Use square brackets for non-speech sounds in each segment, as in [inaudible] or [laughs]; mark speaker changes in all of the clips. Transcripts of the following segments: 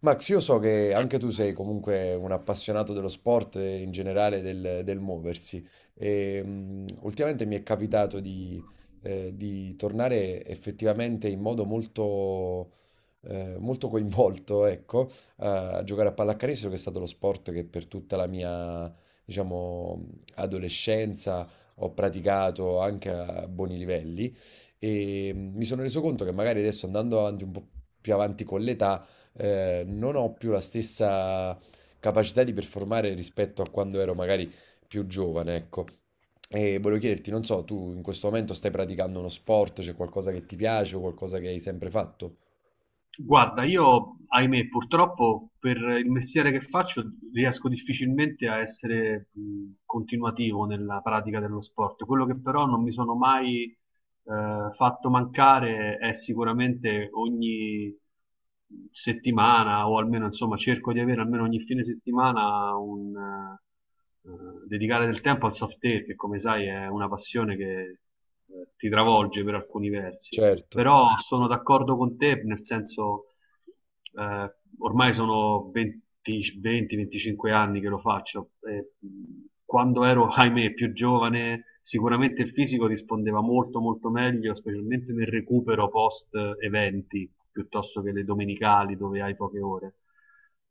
Speaker 1: Max, io so che anche tu sei comunque un appassionato dello sport e in generale del muoversi e ultimamente mi è capitato di tornare effettivamente in modo molto coinvolto, ecco, a giocare a pallacanestro, che è stato lo sport che per tutta la mia, diciamo, adolescenza ho praticato anche a buoni livelli. E mi sono reso conto che magari adesso andando avanti un po' più avanti con l'età non ho più la stessa capacità di performare rispetto a quando ero magari più giovane, ecco. E volevo chiederti, non so, tu in questo momento stai praticando uno sport, c'è qualcosa che ti piace o qualcosa che hai sempre fatto?
Speaker 2: Guarda, io, ahimè, purtroppo per il mestiere che faccio riesco difficilmente a essere continuativo nella pratica dello sport. Quello che però non mi sono mai fatto mancare è sicuramente ogni settimana o almeno insomma cerco di avere almeno ogni fine settimana un dedicare del tempo al soft air che come sai è una passione che ti travolge per alcuni versi.
Speaker 1: Certo.
Speaker 2: Però sono d'accordo con te nel senso eh, ormai sono 20-25 anni che lo faccio. E, quando ero, ahimè, più giovane, sicuramente il fisico rispondeva molto, molto meglio, specialmente nel recupero post eventi, piuttosto che le domenicali dove hai poche ore.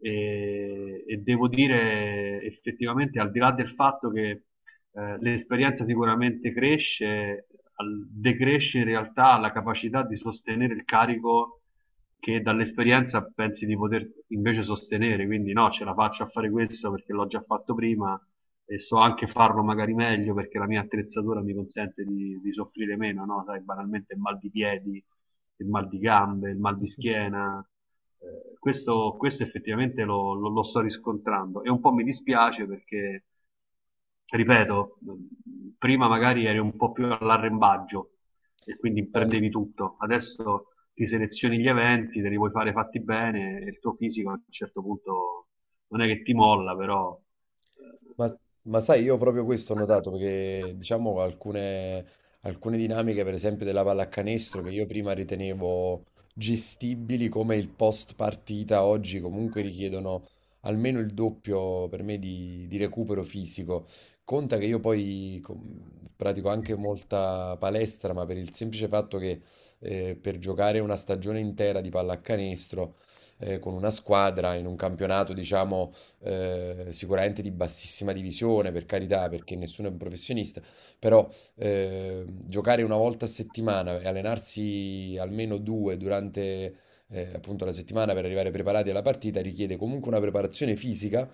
Speaker 2: E devo dire, effettivamente, al di là del fatto che l'esperienza sicuramente cresce, decresce in realtà la capacità di sostenere il carico che dall'esperienza pensi di poter invece sostenere, quindi no, ce la faccio a fare questo perché l'ho già fatto prima e so anche farlo magari meglio perché la mia attrezzatura mi consente di soffrire meno, no? Sai, banalmente il mal di piedi, il mal di gambe, il mal di schiena. Questo, questo effettivamente lo sto riscontrando e un po' mi dispiace perché cioè, ripeto, prima magari eri un po' più all'arrembaggio e quindi
Speaker 1: Sì.
Speaker 2: prendevi tutto, adesso ti selezioni gli eventi, te li vuoi fare fatti bene e il tuo fisico a un certo punto non è che ti molla, però eh,
Speaker 1: Ma, ma sai, io proprio questo ho notato, perché diciamo alcune dinamiche, per esempio della pallacanestro, che io prima ritenevo gestibili come il post partita, oggi comunque richiedono almeno il doppio per me di recupero fisico. Conta che io poi pratico anche molta palestra, ma per il semplice fatto che per giocare una stagione intera di pallacanestro con una squadra in un campionato, diciamo sicuramente di bassissima divisione, per carità, perché nessuno è un professionista, però giocare una volta a settimana e allenarsi almeno due durante appunto la settimana per arrivare preparati alla partita richiede comunque una preparazione fisica,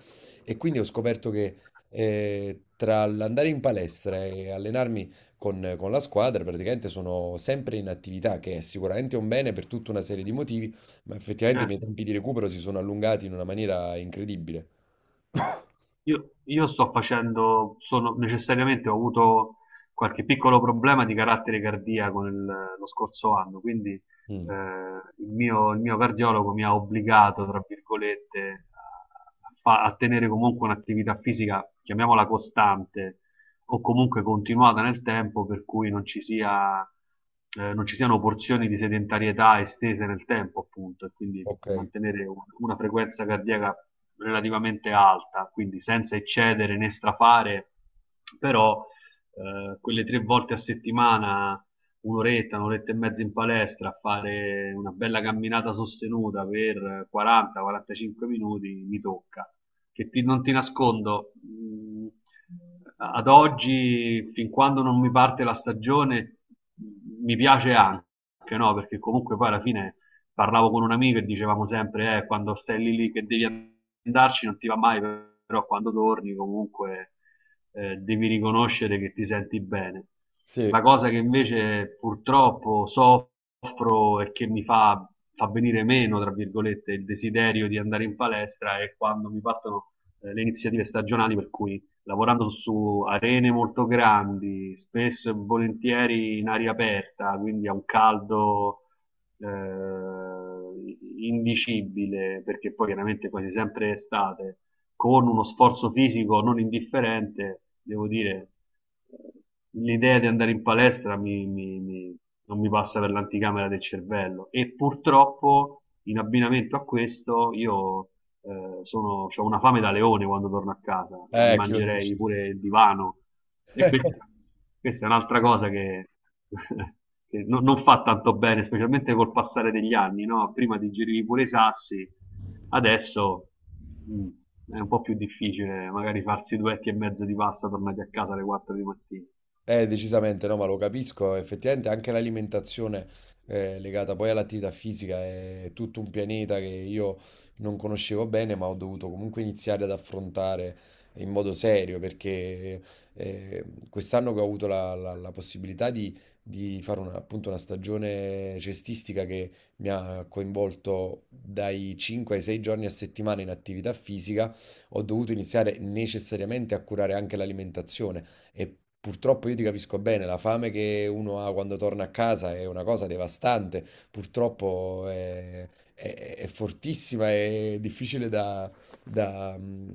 Speaker 1: e quindi ho scoperto che tra l'andare in palestra e allenarmi con la squadra praticamente sono sempre in attività, che è sicuramente un bene per tutta una serie di motivi, ma effettivamente i miei
Speaker 2: certo.
Speaker 1: tempi di recupero si sono allungati in una maniera incredibile.
Speaker 2: Io sto facendo, sono necessariamente ho avuto qualche piccolo problema di carattere cardiaco lo scorso anno, quindi
Speaker 1: Mh.
Speaker 2: il mio cardiologo mi ha obbligato, tra virgolette, a tenere comunque un'attività fisica, chiamiamola costante, o comunque continuata nel tempo, per cui non ci siano porzioni di sedentarietà estese nel tempo, appunto, e quindi
Speaker 1: Okay.
Speaker 2: mantenere una frequenza cardiaca relativamente alta, quindi senza eccedere né strafare, però quelle tre volte a settimana, un'oretta, un'oretta e mezza in palestra, a fare una bella camminata sostenuta per 40-45 minuti mi tocca. Che ti- non ti nascondo, ad oggi, fin quando non mi parte la stagione, mi piace anche, no? Perché comunque poi alla fine parlavo con un amico e dicevamo sempre, quando stai lì lì che devi andarci non ti va mai, però quando torni comunque devi riconoscere che ti senti bene.
Speaker 1: Sì.
Speaker 2: La cosa che invece purtroppo soffro e che mi fa venire meno, tra virgolette, il desiderio di andare in palestra è quando mi partono le iniziative stagionali per cui lavorando su arene molto grandi, spesso e volentieri in aria aperta, quindi a un caldo eh, indicibile, perché poi chiaramente quasi sempre estate con uno sforzo fisico non indifferente, devo dire, l'idea di andare in palestra non mi passa per l'anticamera del cervello. E purtroppo, in abbinamento a questo, io ho una fame da leone quando torno a casa e mi
Speaker 1: Chi lo
Speaker 2: mangerei
Speaker 1: dici?
Speaker 2: pure il divano. E questa,
Speaker 1: [laughs]
Speaker 2: questa è un'altra cosa che, [laughs] che non fa tanto bene, specialmente col passare degli anni, no? Prima digerivi pure i sassi, adesso. Mm. È un po' più difficile magari farsi duetti e mezzo di pasta tornati a casa alle 4 di mattina.
Speaker 1: Decisamente no, ma lo capisco, effettivamente anche l'alimentazione legata poi all'attività fisica è tutto un pianeta che io non conoscevo bene, ma ho dovuto comunque iniziare ad affrontare in modo serio, perché eh, quest'anno che ho avuto la possibilità di fare una, appunto, una stagione cestistica che mi ha coinvolto dai 5 ai 6 giorni a settimana in attività fisica, ho dovuto iniziare necessariamente a curare anche l'alimentazione. E purtroppo io ti capisco bene, la fame che uno ha quando torna a casa è una cosa devastante, purtroppo è fortissima e difficile da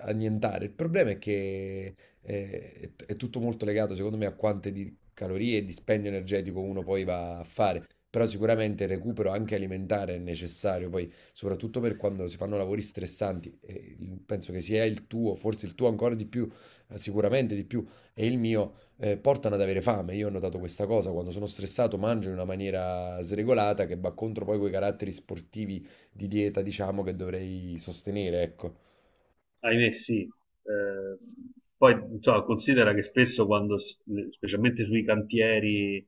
Speaker 1: annientare. Il problema è che è tutto molto legato, secondo me, a quante di calorie e dispendio energetico uno poi va a fare. Però sicuramente il recupero anche alimentare è necessario, poi soprattutto per quando si fanno lavori stressanti, e penso che sia il tuo, forse il tuo ancora di più, sicuramente di più, e il mio portano ad avere fame. Io ho notato questa cosa, quando sono stressato mangio in una maniera sregolata che va contro poi quei caratteri sportivi di dieta, diciamo, che dovrei sostenere, ecco.
Speaker 2: Ahimè, sì. Poi insomma, considera che spesso specialmente sui cantieri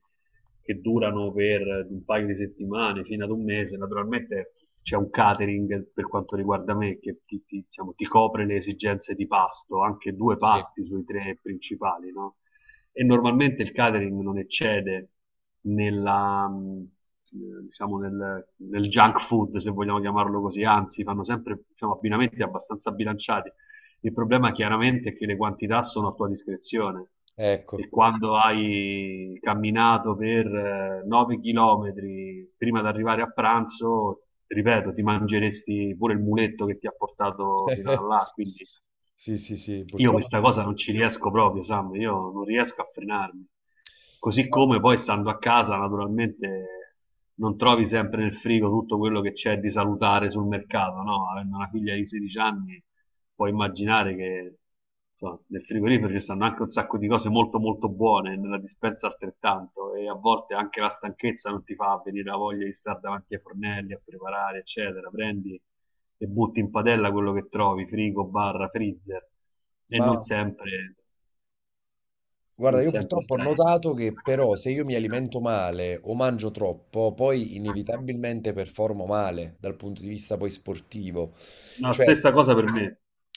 Speaker 2: che durano per un paio di settimane fino ad un mese, naturalmente c'è un catering per quanto riguarda me che diciamo, ti copre le esigenze di pasto, anche due
Speaker 1: Sì.
Speaker 2: pasti sui tre principali, no? E normalmente il catering non eccede nella, diciamo nel junk food, se vogliamo chiamarlo così, anzi fanno sempre diciamo, abbinamenti abbastanza bilanciati. Il problema chiaramente è che le quantità sono a tua discrezione
Speaker 1: Ecco.
Speaker 2: e quando hai camminato per 9 km prima di arrivare a pranzo, ripeto, ti mangeresti pure il muletto che ti ha portato fino a
Speaker 1: [laughs]
Speaker 2: là, quindi
Speaker 1: Sì, sì, sì,
Speaker 2: io
Speaker 1: purtroppo.
Speaker 2: questa cosa non ci riesco proprio, Sam, io non riesco a frenarmi. Così come poi stando a casa, naturalmente non trovi sempre nel frigo tutto quello che c'è di salutare sul mercato, no? Avendo una figlia di 16 anni, puoi immaginare che insomma, nel frigorifero ci stanno anche un sacco di cose molto molto buone, nella dispensa altrettanto, e a volte anche la stanchezza non ti fa venire la voglia di stare davanti ai fornelli a preparare, eccetera. Prendi e butti in padella quello che trovi, frigo, barra, freezer, e non
Speaker 1: Ma
Speaker 2: sempre,
Speaker 1: Guarda,
Speaker 2: non
Speaker 1: io
Speaker 2: sempre
Speaker 1: purtroppo ho
Speaker 2: stai.
Speaker 1: notato che, però, se io mi alimento male o mangio troppo, poi inevitabilmente performo male dal punto di vista poi sportivo.
Speaker 2: La
Speaker 1: Cioè,
Speaker 2: stessa cosa per me,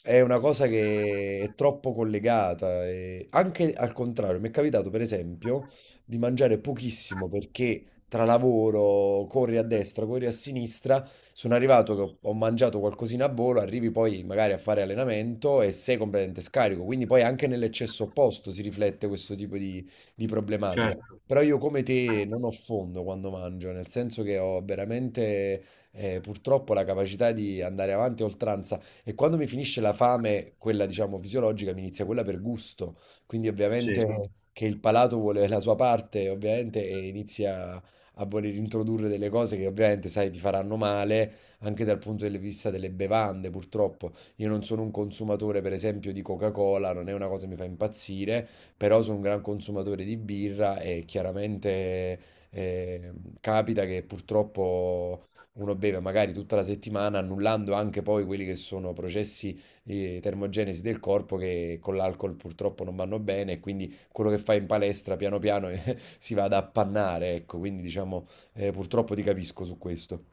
Speaker 1: è una cosa che è troppo collegata. E anche al contrario, mi è capitato per esempio di mangiare pochissimo perché, tra lavoro, corri a destra, corri a sinistra, sono arrivato che ho mangiato qualcosina a volo, arrivi poi magari a fare allenamento e sei completamente scarico, quindi poi anche nell'eccesso opposto si riflette questo tipo di problematica.
Speaker 2: certo,
Speaker 1: Però io come te non ho fondo quando mangio, nel senso che ho veramente purtroppo la capacità di andare avanti a oltranza, e quando mi finisce la fame, quella diciamo fisiologica, mi inizia quella per gusto, quindi ovviamente...
Speaker 2: sì.
Speaker 1: Mm. Che il palato vuole la sua parte, ovviamente, e inizia a voler introdurre delle cose che ovviamente sai ti faranno male, anche dal punto di vista delle bevande, purtroppo. Io non sono un consumatore, per esempio, di Coca-Cola, non è una cosa che mi fa impazzire, però sono un gran consumatore di birra, e chiaramente eh, capita che purtroppo uno beve magari tutta la settimana, annullando anche poi quelli che sono processi di termogenesi del corpo, che con l'alcol purtroppo non vanno bene, e quindi quello che fai in palestra piano piano [laughs] si vada a pannare, ecco, quindi diciamo, purtroppo ti capisco su questo.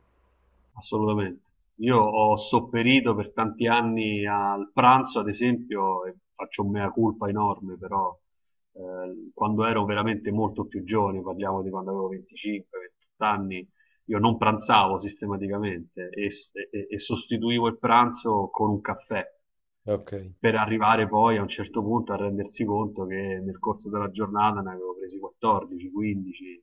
Speaker 2: Assolutamente. Io ho sopperito per tanti anni al pranzo, ad esempio, e faccio un mea culpa enorme, però quando ero veramente molto più giovane, parliamo di quando avevo 25-28 anni, io non pranzavo sistematicamente e sostituivo il pranzo con un caffè
Speaker 1: Ok.
Speaker 2: per arrivare poi a un certo punto a rendersi conto che nel corso della giornata ne avevo presi 14, 15,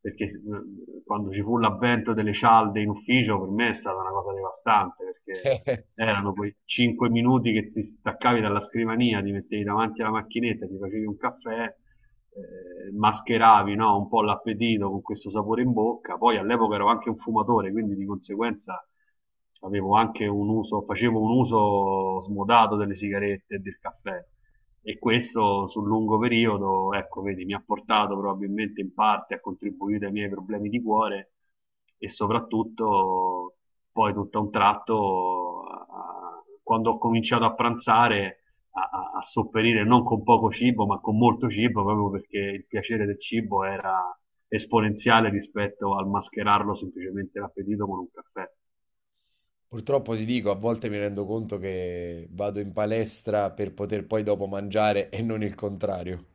Speaker 2: perché quando ci fu l'avvento delle cialde in ufficio per me è stata una cosa devastante, perché
Speaker 1: [laughs]
Speaker 2: erano quei 5 minuti che ti staccavi dalla scrivania, ti mettevi davanti alla macchinetta, ti facevi un caffè, mascheravi no, un po' l'appetito con questo sapore in bocca, poi all'epoca ero anche un fumatore, quindi di conseguenza avevo anche un uso, facevo un uso smodato delle sigarette e del caffè e questo sul lungo periodo, ecco, vedi, mi ha portato probabilmente in parte a contribuire ai miei problemi di cuore e soprattutto poi tutto a un tratto, a- quando ho cominciato a pranzare, a sopperire non con poco cibo, ma con molto cibo, proprio perché il piacere del cibo era esponenziale rispetto al mascherarlo semplicemente l'appetito con un caffè.
Speaker 1: Purtroppo ti dico, a volte mi rendo conto che vado in palestra per poter poi dopo mangiare e non il contrario.